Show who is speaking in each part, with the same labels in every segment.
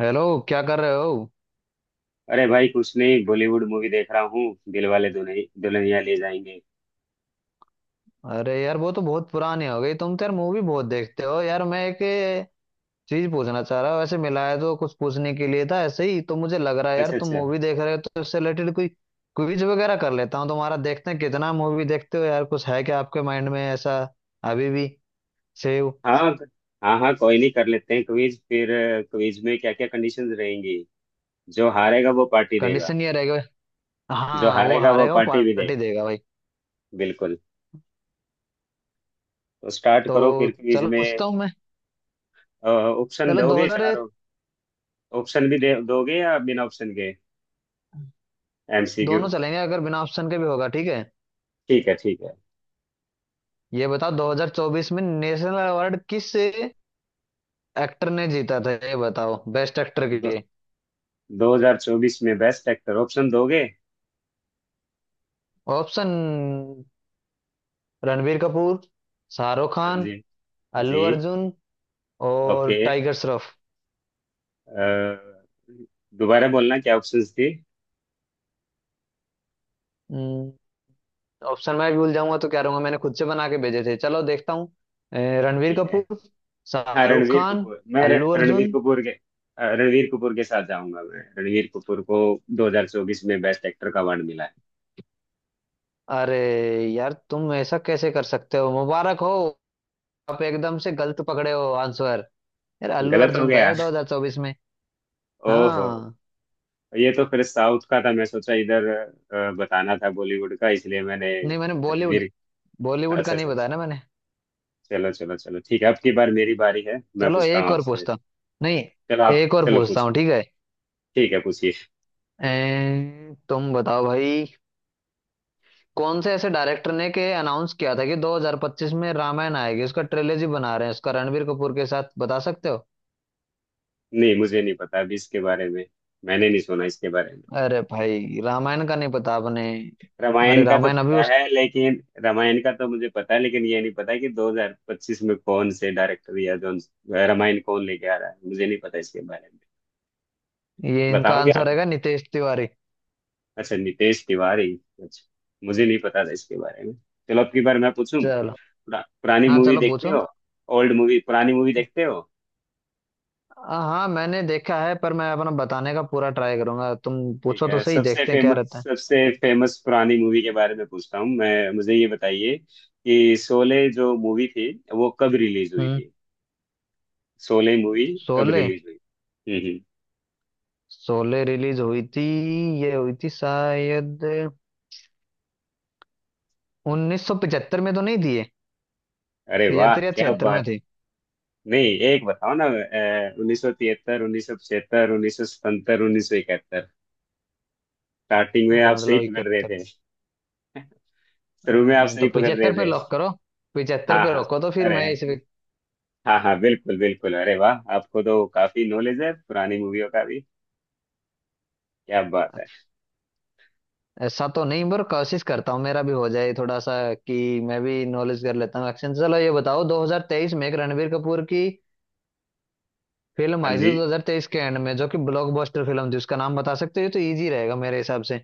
Speaker 1: Hello. क्या कर रहे हो?
Speaker 2: अरे भाई, कुछ नहीं, बॉलीवुड मूवी देख रहा हूँ। दिलवाले दुल्हनिया दुल्हनिया ले जाएंगे।
Speaker 1: अरे यार, वो तो बहुत पुरानी हो गई। तुम तो यार मूवी बहुत देखते हो यार। मैं एक चीज पूछना चाह रहा हूँ। वैसे मिला है तो कुछ पूछने के लिए था, ऐसे ही तो। मुझे लग रहा है यार
Speaker 2: अच्छा
Speaker 1: तुम
Speaker 2: अच्छा।
Speaker 1: मूवी देख रहे हो तो इससे रिलेटेड कोई क्विज वगैरह कर लेता हूँ तुम्हारा, देखते हैं कितना मूवी देखते हो यार। कुछ है क्या आपके माइंड में ऐसा? अभी भी सेव।
Speaker 2: हाँ हाँ हाँ, कोई नहीं, कर लेते हैं क्विज फिर। क्विज में क्या क्या कंडीशंस रहेंगी? जो हारेगा वो पार्टी देगा।
Speaker 1: कंडीशन ये रहेगा।
Speaker 2: जो
Speaker 1: हाँ, वो
Speaker 2: हारेगा वो
Speaker 1: हारे हो
Speaker 2: पार्टी भी दे।
Speaker 1: पार्टी देगा भाई।
Speaker 2: बिल्कुल। तो स्टार्ट
Speaker 1: तो
Speaker 2: करो फिर क्विज
Speaker 1: चलो
Speaker 2: में।
Speaker 1: पूछता हूँ मैं।
Speaker 2: ऑप्शन
Speaker 1: चलो, दो
Speaker 2: दोगे
Speaker 1: हजार
Speaker 2: चारों? ऑप्शन भी दे दोगे या बिना ऑप्शन के? एमसीक्यू?
Speaker 1: दोनों चलेंगे, अगर बिना ऑप्शन के भी होगा, ठीक है।
Speaker 2: ठीक है ठीक है।
Speaker 1: ये बताओ, 2024 में नेशनल अवार्ड किस एक्टर ने जीता था? ये बताओ, बेस्ट एक्टर के
Speaker 2: दो,
Speaker 1: लिए।
Speaker 2: 2024 में बेस्ट एक्टर, ऑप्शन दोगे?
Speaker 1: ऑप्शन: रणबीर कपूर, शाहरुख
Speaker 2: हाँ
Speaker 1: खान,
Speaker 2: जी। जी।
Speaker 1: अल्लू अर्जुन और
Speaker 2: ओके।
Speaker 1: टाइगर श्रॉफ।
Speaker 2: अ, दोबारा बोलना, क्या ऑप्शंस थे।
Speaker 1: हम्म, ऑप्शन मैं भूल जाऊंगा तो क्या रहूंगा? मैंने खुद से बना के भेजे थे, चलो देखता हूँ। अ, रणबीर
Speaker 2: ठीक है।
Speaker 1: कपूर,
Speaker 2: हाँ,
Speaker 1: शाहरुख
Speaker 2: रणवीर
Speaker 1: खान,
Speaker 2: कपूर। मैं
Speaker 1: अल्लू
Speaker 2: रणवीर
Speaker 1: अर्जुन।
Speaker 2: कपूर के, रणवीर कपूर के साथ जाऊंगा। मैं रणवीर कपूर को 2024 में बेस्ट एक्टर का अवार्ड मिला।
Speaker 1: अरे यार, तुम ऐसा कैसे कर सकते हो? मुबारक हो, आप एकदम से गलत पकड़े हो आंसर। यार,
Speaker 2: है
Speaker 1: अल्लू
Speaker 2: गलत हो
Speaker 1: अर्जुन था
Speaker 2: गया।
Speaker 1: यार 2024 में।
Speaker 2: ओहो।
Speaker 1: हाँ।
Speaker 2: ये तो फिर साउथ का था, मैं सोचा इधर बताना था बॉलीवुड का, इसलिए मैंने
Speaker 1: नहीं, मैंने बॉलीवुड
Speaker 2: रणवीर।
Speaker 1: बॉलीवुड का
Speaker 2: अच्छा
Speaker 1: नहीं
Speaker 2: अच्छा
Speaker 1: बताया
Speaker 2: अच्छा।
Speaker 1: ना मैंने।
Speaker 2: चलो चलो चलो, ठीक है, अब की बार मेरी बारी है, मैं
Speaker 1: चलो
Speaker 2: पूछता हूँ
Speaker 1: एक और
Speaker 2: आपसे।
Speaker 1: पूछता हूँ। नहीं,
Speaker 2: चलो आप
Speaker 1: एक और
Speaker 2: चलो
Speaker 1: पूछता
Speaker 2: पूछ।
Speaker 1: हूँ, ठीक है।
Speaker 2: ठीक है, पूछिए।
Speaker 1: तुम बताओ भाई। कौन से ऐसे डायरेक्टर ने के अनाउंस किया था कि 2025 में रामायण आएगी, उसका ट्रेलॉजी बना रहे हैं उसका रणबीर कपूर के साथ, बता सकते हो?
Speaker 2: नहीं, मुझे नहीं पता अभी इसके बारे में। मैंने नहीं सुना इसके बारे में।
Speaker 1: अरे भाई, रामायण का नहीं पता आपने? अरे,
Speaker 2: रामायण का तो
Speaker 1: रामायण अभी
Speaker 2: पता
Speaker 1: उस।
Speaker 2: है, लेकिन रामायण का तो मुझे पता है, लेकिन ये नहीं पता कि 2025 में कौन से डायरेक्टर या जो रामायण कौन लेके आ रहा है, मुझे नहीं पता इसके बारे में।
Speaker 1: ये इनका
Speaker 2: बताओगे
Speaker 1: आंसर
Speaker 2: आप?
Speaker 1: रहेगा, नितेश तिवारी।
Speaker 2: अच्छा, नितेश तिवारी। अच्छा, मुझे नहीं पता था इसके बारे में। चलो अब की बार मैं पूछूं।
Speaker 1: चलो।
Speaker 2: पुरानी
Speaker 1: हाँ
Speaker 2: मूवी
Speaker 1: चलो
Speaker 2: देखते
Speaker 1: पूछो।
Speaker 2: हो? ओल्ड मूवी, पुरानी मूवी देखते हो?
Speaker 1: हाँ, मैंने देखा है, पर मैं अपना बताने का पूरा ट्राई करूंगा। तुम
Speaker 2: ठीक
Speaker 1: पूछो तो
Speaker 2: है,
Speaker 1: सही,
Speaker 2: सबसे
Speaker 1: देखते हैं क्या रहता
Speaker 2: फेमस,
Speaker 1: है।
Speaker 2: सबसे फेमस पुरानी मूवी के बारे में पूछता हूँ मैं। मुझे ये बताइए कि शोले जो मूवी थी, वो कब रिलीज हुई
Speaker 1: हम्म।
Speaker 2: थी। शोले मूवी कब
Speaker 1: शोले,
Speaker 2: रिलीज हुई? हम्म हम्म।
Speaker 1: शोले रिलीज हुई थी, ये हुई थी शायद 1975 में, तो नहीं थी ये?
Speaker 2: अरे वाह,
Speaker 1: 75 या
Speaker 2: क्या
Speaker 1: 76
Speaker 2: बात।
Speaker 1: में थी।
Speaker 2: नहीं, एक बताओ ना, 1973, 1975, 1970, 1971? स्टार्टिंग में
Speaker 1: अरे
Speaker 2: आप सही
Speaker 1: मतलब
Speaker 2: पकड़ रहे
Speaker 1: 71।
Speaker 2: थे। शुरू में आप सही
Speaker 1: तो
Speaker 2: पकड़ रहे
Speaker 1: 75 पे
Speaker 2: थे।
Speaker 1: लॉक करो, 75
Speaker 2: हाँ
Speaker 1: पे
Speaker 2: हाँ।
Speaker 1: रोको तो फिर
Speaker 2: अरे।
Speaker 1: मैं इस।
Speaker 2: हाँ हाँ, बिल्कुल बिल्कुल, अरे वाह, आपको तो काफी नॉलेज है पुरानी मूवियों का भी। क्या बात है।
Speaker 1: ऐसा तो नहीं, पर कोशिश करता हूँ मेरा भी हो जाए थोड़ा सा कि मैं भी नॉलेज कर लेता हूँ। एक्शन, चलो ये बताओ, 2023 में एक रणबीर कपूर की फिल्म
Speaker 2: हाँ
Speaker 1: आई थी,
Speaker 2: जी।
Speaker 1: 2023 के एंड में, जो कि ब्लॉकबस्टर फिल्म थी। उसका नाम बता सकते हो? ये तो इजी रहेगा मेरे हिसाब से।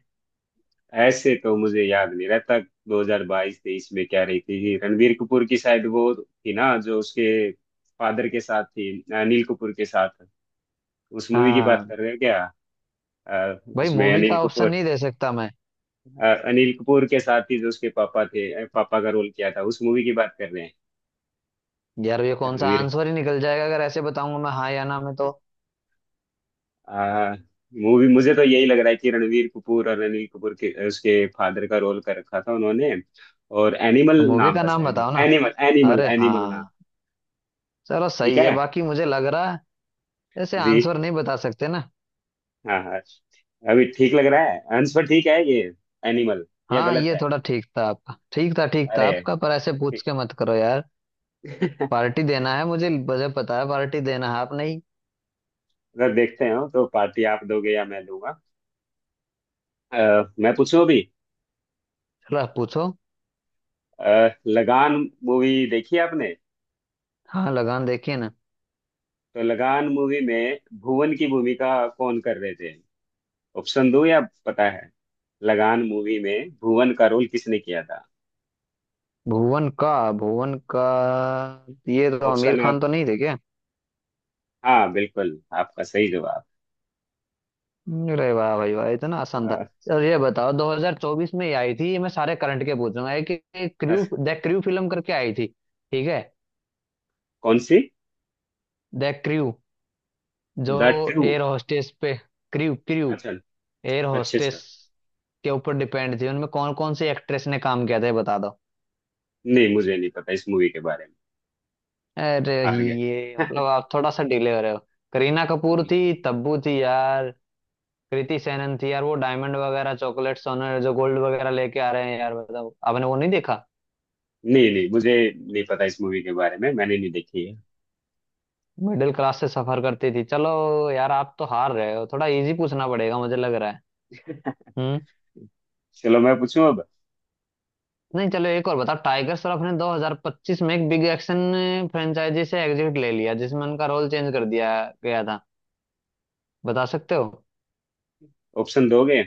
Speaker 2: ऐसे तो मुझे याद नहीं रहता। 2022-23 में क्या रही थी रणबीर कपूर की? शायद वो थी ना, जो उसके फादर के साथ थी। अनिल कपूर के साथ। उस मूवी की बात
Speaker 1: हाँ
Speaker 2: कर रहे हो क्या?
Speaker 1: भाई,
Speaker 2: उसमें
Speaker 1: मूवी
Speaker 2: अनिल
Speaker 1: का ऑप्शन
Speaker 2: कपूर।
Speaker 1: नहीं दे सकता मैं
Speaker 2: अनिल कपूर के साथ ही, जो उसके पापा थे, पापा का रोल किया था, उस मूवी की बात कर रहे हैं।
Speaker 1: यार। ये कौन सा
Speaker 2: रणवीर।
Speaker 1: आंसर ही निकल जाएगा अगर ऐसे बताऊंगा मैं हाँ या ना में? तो,
Speaker 2: आ, मूवी, मुझे तो यही लग रहा है कि रणवीर कपूर और अनिल कपूर के, उसके फादर का रोल कर रखा था उन्होंने। और
Speaker 1: तो
Speaker 2: एनिमल
Speaker 1: मूवी
Speaker 2: नाम
Speaker 1: का
Speaker 2: था,
Speaker 1: नाम
Speaker 2: साइड में।
Speaker 1: बताओ ना।
Speaker 2: एनिमल एनिमल
Speaker 1: अरे
Speaker 2: एनिमल नाम।
Speaker 1: हाँ, चलो
Speaker 2: ठीक
Speaker 1: सही है
Speaker 2: है
Speaker 1: बाकी, मुझे लग रहा है ऐसे
Speaker 2: जी।
Speaker 1: आंसर नहीं बता सकते ना।
Speaker 2: हाँ हाँ। अभी ठीक लग रहा है आंसर, ठीक है ये, एनिमल। या
Speaker 1: हाँ,
Speaker 2: गलत
Speaker 1: ये
Speaker 2: है।
Speaker 1: थोड़ा ठीक था आपका, ठीक था, ठीक था
Speaker 2: अरे।
Speaker 1: आपका, पर ऐसे पूछ
Speaker 2: ठीक।
Speaker 1: के मत करो यार। पार्टी देना है, मुझे। मुझे पता है पार्टी देना है, आप नहीं।
Speaker 2: अगर देखते हो तो पार्टी आप दोगे या मैं दूंगा? अ, मैं पूछूं अभी।
Speaker 1: चलो आप पूछो।
Speaker 2: लगान मूवी देखी आपने?
Speaker 1: हाँ लगान देखिए ना।
Speaker 2: तो लगान मूवी में भुवन की भूमिका कौन कर रहे थे? ऑप्शन दो या पता है? लगान मूवी में भुवन का रोल किसने किया था?
Speaker 1: भुवन का भुवन का ये तो आमिर
Speaker 2: ऑप्शन आप?
Speaker 1: खान तो नहीं थे क्या?
Speaker 2: हाँ, बिल्कुल आपका सही जवाब।
Speaker 1: अरे वाह भाई वाह, इतना आसान था।
Speaker 2: अ,
Speaker 1: और ये बताओ, 2024 में ये आई थी, ये मैं सारे करंट के पूछ रहा हूँ। एक एक क्रू,
Speaker 2: अस-
Speaker 1: द क्रू फिल्म करके आई थी, ठीक है?
Speaker 2: कौन सी?
Speaker 1: द क्रू, जो
Speaker 2: द ट्रू?
Speaker 1: एयर होस्टेस पे, क्रू क्रू,
Speaker 2: अच्छा
Speaker 1: एयर
Speaker 2: अच्छा
Speaker 1: होस्टेस
Speaker 2: अच्छा।
Speaker 1: के ऊपर डिपेंड थी। उनमें कौन कौन सी एक्ट्रेस ने काम किया था ये बता दो।
Speaker 2: नहीं, मुझे नहीं पता इस मूवी के बारे में।
Speaker 1: अरे,
Speaker 2: हार
Speaker 1: ये
Speaker 2: गया।
Speaker 1: मतलब आप थोड़ा सा डिले हो रहे हो। करीना कपूर थी, तब्बू थी यार, कृति सेनन थी यार। वो डायमंड वगैरह, चॉकलेट, सोना जो गोल्ड वगैरह लेके आ रहे हैं यार, बताओ आपने वो नहीं देखा?
Speaker 2: नहीं नहीं, मुझे नहीं पता इस मूवी के बारे में, मैंने नहीं देखी है।
Speaker 1: मिडिल क्लास से सफर करती थी। चलो यार, आप तो हार रहे हो, थोड़ा इजी पूछना पड़ेगा मुझे, लग रहा है। हम्म।
Speaker 2: चलो मैं पूछूं अब।
Speaker 1: नहीं, चलो एक और बताओ। टाइगर श्रॉफ ने 2025 में एक बिग एक्शन फ्रेंचाइजी से एग्जिट ले लिया जिसमें उनका रोल चेंज कर दिया गया था, बता सकते हो?
Speaker 2: ऑप्शन दोगे?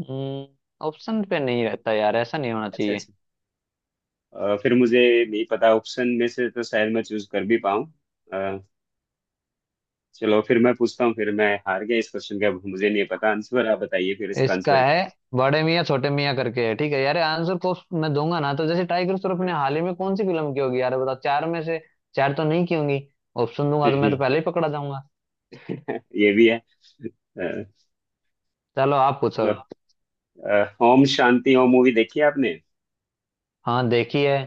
Speaker 1: ऑप्शन पे नहीं रहता यार, ऐसा नहीं होना
Speaker 2: अच्छा
Speaker 1: चाहिए।
Speaker 2: अच्छा। फिर मुझे नहीं पता, ऑप्शन में से तो शायद मैं चूज कर भी पाऊँ। अ, चलो फिर मैं पूछता हूँ, फिर मैं हार गया इस क्वेश्चन का, मुझे नहीं पता आंसर, आप बताइए फिर इसका
Speaker 1: इसका
Speaker 2: आंसर क्या
Speaker 1: है बड़े मियाँ छोटे मियाँ करके है, ठीक है यार? आंसर को मैं दूंगा ना तो जैसे टाइगर श्रॉफ ने
Speaker 2: है।
Speaker 1: हाल ही में कौन सी फिल्म की होगी यार, बताओ। चार में से चार तो नहीं की होंगी। ऑप्शन दूंगा तो मैं तो पहले ही पकड़ा जाऊंगा।
Speaker 2: ये भी है।
Speaker 1: चलो आप पूछो।
Speaker 2: चलो ओम शांति ओम मूवी देखी है आपने?
Speaker 1: हाँ देखी है।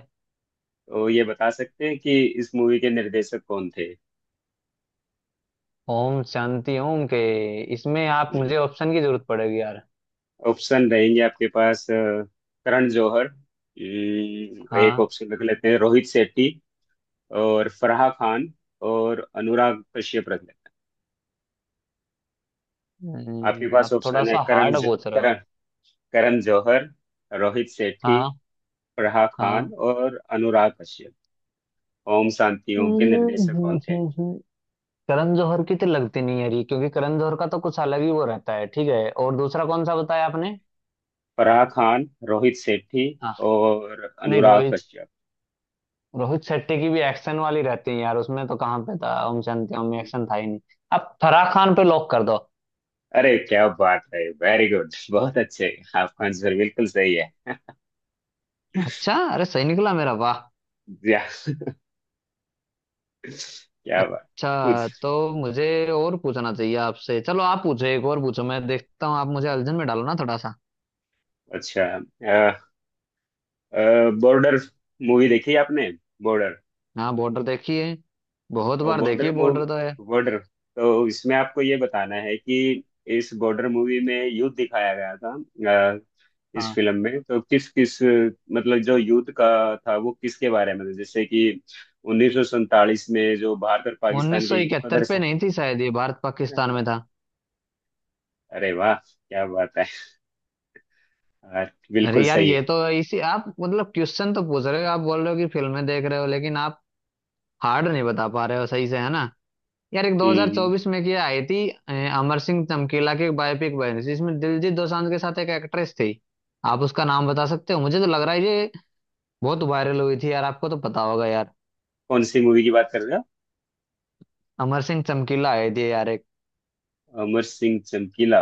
Speaker 2: तो ये बता सकते हैं कि इस मूवी के निर्देशक कौन थे?
Speaker 1: ओम शांति ओम के, इसमें आप मुझे ऑप्शन की जरूरत पड़ेगी यार।
Speaker 2: ऑप्शन रहेंगे आपके पास। करण जौहर, एक
Speaker 1: हाँ।
Speaker 2: ऑप्शन रख लेते हैं, रोहित शेट्टी और फराह खान और अनुराग कश्यप रख। आपके पास
Speaker 1: आप थोड़ा
Speaker 2: ऑप्शन है:
Speaker 1: सा
Speaker 2: करण
Speaker 1: हार्ड
Speaker 2: ज,
Speaker 1: पूछ रहा।
Speaker 2: करण करण जौहर, रोहित सेठी,
Speaker 1: हाँ,
Speaker 2: फराह खान
Speaker 1: हाँ।
Speaker 2: और अनुराग कश्यप। ओम शांति ओम के निर्देशक कौन थे?
Speaker 1: हम्म, करण जौहर की तो लगती नहीं है ये, क्योंकि करण जौहर का तो कुछ अलग ही वो रहता है, ठीक है। और दूसरा कौन सा बताया आपने?
Speaker 2: फराह खान, रोहित सेठी
Speaker 1: हाँ।
Speaker 2: और
Speaker 1: नहीं,
Speaker 2: अनुराग
Speaker 1: रोहित
Speaker 2: कश्यप?
Speaker 1: रोहित शेट्टी की भी एक्शन वाली रहती है यार, उसमें तो कहाँ पे था? ओम शांति ओम में एक्शन था ही नहीं। अब फराह खान पे लॉक कर दो।
Speaker 2: अरे क्या बात है, वेरी गुड, बहुत अच्छे। आपका आंसर बिल्कुल सही है।
Speaker 1: अच्छा, अरे सही निकला मेरा, वाह।
Speaker 2: या, क्या बात। कुछ।
Speaker 1: अच्छा तो मुझे और पूछना चाहिए आपसे। चलो आप पूछो, एक और पूछो, मैं देखता हूँ, आप मुझे अलझन में डालो ना थोड़ा सा।
Speaker 2: अच्छा। बॉर्डर मूवी देखी है आपने? बॉर्डर।
Speaker 1: हाँ, बॉर्डर देखी है, बहुत
Speaker 2: तो
Speaker 1: बार देखी
Speaker 2: बॉर्डर
Speaker 1: है
Speaker 2: मूव
Speaker 1: बॉर्डर तो है।
Speaker 2: बॉर्डर तो इसमें आपको ये बताना है कि इस बॉर्डर मूवी में युद्ध दिखाया गया था। अ, इस
Speaker 1: हाँ,
Speaker 2: फिल्म में तो किस किस, मतलब जो युद्ध का था वो किसके बारे में था, जैसे कि 1947 में जो भारत और पाकिस्तान
Speaker 1: उन्नीस सौ
Speaker 2: के युद्ध को
Speaker 1: इकहत्तर पे
Speaker 2: दर्शा।
Speaker 1: नहीं थी शायद, ये भारत पाकिस्तान में था।
Speaker 2: अरे वाह क्या बात है यार, बिल्कुल
Speaker 1: अरे यार,
Speaker 2: सही
Speaker 1: ये
Speaker 2: है।
Speaker 1: तो इसी आप मतलब क्वेश्चन तो पूछ रहे हो, आप बोल रहे हो कि फिल्में देख रहे हो, लेकिन आप हार्ड नहीं बता पा रहे हो सही से, है ना यार? एक
Speaker 2: हम्म,
Speaker 1: 2024 में क्या आई थी, अमर सिंह चमकीला की एक बायोपिक बनी थी, जिसमें दिलजीत दोसांझ के साथ एक एक्ट्रेस थी। आप उसका नाम बता सकते हो? मुझे तो लग रहा है ये बहुत वायरल हुई थी यार, आपको तो पता होगा यार।
Speaker 2: कौन सी मूवी की बात कर रहे हो?
Speaker 1: अमर सिंह चमकीला आए थे यार, एक।
Speaker 2: अमर सिंह चमकीला,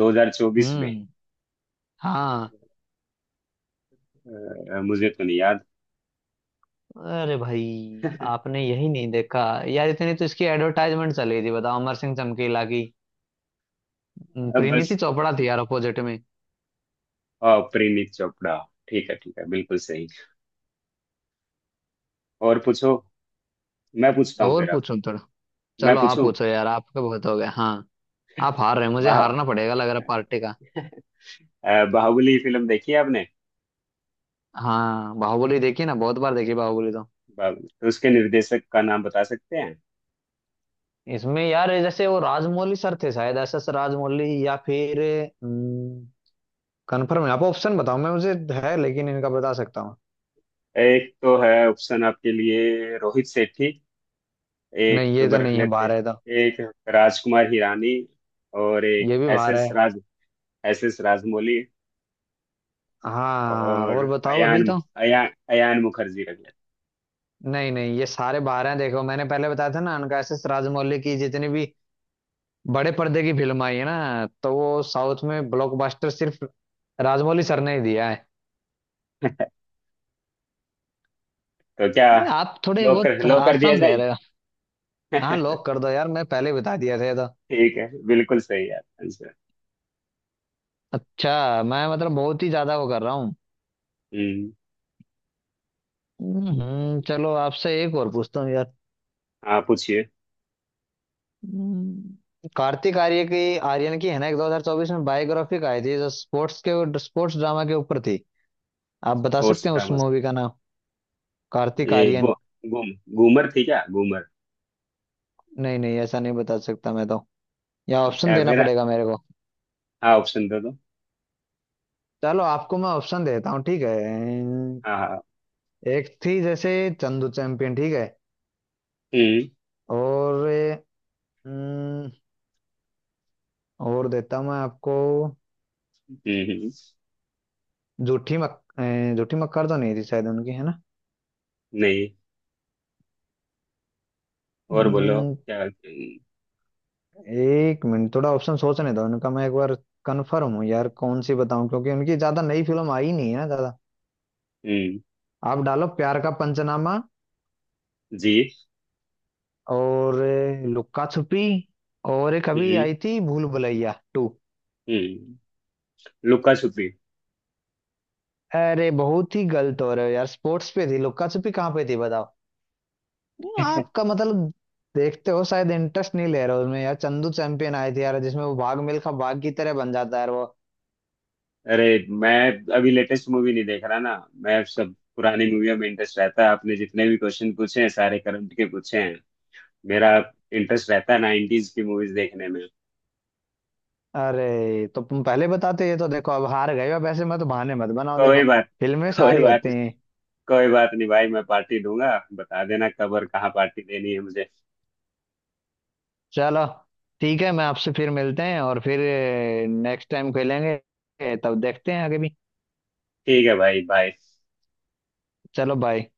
Speaker 2: 2024 में?
Speaker 1: हम्म, हाँ।
Speaker 2: मुझे तो नहीं याद।
Speaker 1: अरे भाई, आपने यही नहीं देखा यार? इतनी तो इसकी एडवर्टाइजमेंट चली थी, बताओ अमर सिंह चमकीला की।
Speaker 2: अब
Speaker 1: परिणीति
Speaker 2: बस।
Speaker 1: चोपड़ा थी यार अपोजिट में।
Speaker 2: परिणीत चोपड़ा। ठीक है ठीक है, बिल्कुल सही। और पूछो। मैं पूछता हूँ
Speaker 1: और
Speaker 2: फिर आप।
Speaker 1: पूछूं थोड़ा।
Speaker 2: मैं
Speaker 1: चलो आप
Speaker 2: पूछूं।
Speaker 1: पूछो यार, आपका बहुत हो गया। हाँ, आप हार रहे हैं, मुझे
Speaker 2: बाह
Speaker 1: हारना पड़ेगा लग रहा पार्टी का।
Speaker 2: बाहुबली फिल्म देखी है आपने?
Speaker 1: हाँ, बाहुबली देखी ना, बहुत बार देखी बाहुबली तो।
Speaker 2: बाहुबली तो, उसके निर्देशक का नाम बता सकते हैं।
Speaker 1: इसमें यार जैसे वो राजमौली सर थे शायद, एस एस राजमौली, या फिर कंफर्म है आप। ऑप्शन बताओ मैं, मुझे है लेकिन, इनका बता सकता हूँ।
Speaker 2: एक तो है ऑप्शन आपके लिए रोहित सेठी।
Speaker 1: नहीं,
Speaker 2: एक
Speaker 1: ये
Speaker 2: मैं
Speaker 1: तो
Speaker 2: रख
Speaker 1: नहीं है,
Speaker 2: लेते
Speaker 1: बारह है तो।
Speaker 2: हैं, एक राजकुमार हिरानी, और एक
Speaker 1: ये भी
Speaker 2: एस
Speaker 1: बारह
Speaker 2: एस
Speaker 1: है।
Speaker 2: राज S.S. राजमौली,
Speaker 1: हाँ,
Speaker 2: और
Speaker 1: और बताओ अभी
Speaker 2: अयान
Speaker 1: तो।
Speaker 2: अयान अयान मुखर्जी रख लेते
Speaker 1: नहीं, नहीं, ये सारे बारह हैं, देखो मैंने पहले बताया था ना उनका, एस एस राजमौली की जितनी भी बड़े पर्दे की फिल्म आई है ना तो वो साउथ में ब्लॉकबस्टर सिर्फ राजमौली सर ने ही दिया है।
Speaker 2: हैं। तो क्या?
Speaker 1: आप थोड़े
Speaker 2: लो कर
Speaker 1: बहुत
Speaker 2: लो, कर दिया
Speaker 1: आसान दे
Speaker 2: जाए।
Speaker 1: रहे हो। हाँ लॉक कर दो यार, मैं पहले ही बता दिया था ये तो।
Speaker 2: ठीक है, बिल्कुल सही है आपका आंसर।
Speaker 1: अच्छा, मैं मतलब बहुत ही ज्यादा वो कर रहा हूँ।
Speaker 2: हम्म।
Speaker 1: चलो आपसे एक और पूछता हूँ यार।
Speaker 2: हाँ, पूछिए।
Speaker 1: कार्तिक आर्यन की है ना, एक 2024 में बायोग्राफिक आई थी जो स्पोर्ट्स ड्रामा के ऊपर थी। आप बता
Speaker 2: और
Speaker 1: सकते हैं उस
Speaker 2: सुदामा।
Speaker 1: मूवी का नाम? कार्तिक
Speaker 2: ये
Speaker 1: आर्यन।
Speaker 2: गो, गुम घूमर थी क्या? घूमर?
Speaker 1: नहीं, नहीं, ऐसा नहीं बता सकता मैं तो, या ऑप्शन देना
Speaker 2: मेरा।
Speaker 1: पड़ेगा मेरे को।
Speaker 2: हाँ, ऑप्शन दे दो।
Speaker 1: चलो, आपको मैं ऑप्शन देता हूँ, ठीक है।
Speaker 2: हाँ हाँ।
Speaker 1: एक थी जैसे चंदू चैंपियन, ठीक है?
Speaker 2: हम्म
Speaker 1: और अम, और देता हूँ मैं आपको।
Speaker 2: हम्म हम्म,
Speaker 1: जूठी मक अ, जूठी मक्कर तो नहीं थी शायद उनकी, है ना?
Speaker 2: नहीं। और बोलो,
Speaker 1: हम्म,
Speaker 2: क्या? हम्म।
Speaker 1: एक मिनट, थोड़ा ऑप्शन सोचने दो उनका, मैं एक बार कंफर्म हूँ यार कौन सी बताऊं, क्योंकि उनकी ज्यादा नई फिल्म आई नहीं है ना ज्यादा।
Speaker 2: हम्म,
Speaker 1: आप डालो प्यार का पंचनामा
Speaker 2: जी।
Speaker 1: और लुक्का छुपी, और एक अभी
Speaker 2: हम्म
Speaker 1: आई थी भूल भुलैया टू।
Speaker 2: हम्म। लुका छुपी।
Speaker 1: अरे, बहुत ही गलत हो रहे हो यार, स्पोर्ट्स पे थी, लुक्का छुपी कहाँ पे थी बताओ? आपका मतलब, देखते हो शायद इंटरेस्ट नहीं ले रहे हो उसमें यार। चंदू चैंपियन आए थे यार, जिसमें वो भाग मिल्खा भाग की तरह बन जाता है यार वो।
Speaker 2: अरे, मैं अभी लेटेस्ट मूवी नहीं देख रहा ना। मैं सब पुरानी मूवियों में इंटरेस्ट रहता है, आपने जितने भी क्वेश्चन पूछे हैं सारे करंट के पूछे हैं। मेरा इंटरेस्ट रहता है नाइनटीज की मूवीज देखने में।
Speaker 1: अरे तो तुम पहले बताते ये तो, देखो अब हार गए हो वैसे, मत बहाने मत बनाओ, देखो
Speaker 2: कोई बात।
Speaker 1: फिल्में
Speaker 2: कोई
Speaker 1: सारी
Speaker 2: बात।
Speaker 1: होती हैं।
Speaker 2: कोई बात नहीं भाई, मैं पार्टी दूंगा। बता देना कब और कहाँ पार्टी देनी है मुझे।
Speaker 1: चलो ठीक है, मैं आपसे फिर मिलते हैं और फिर नेक्स्ट टाइम खेलेंगे, तब देखते हैं आगे भी।
Speaker 2: ठीक है भाई, बाय।
Speaker 1: चलो बाय।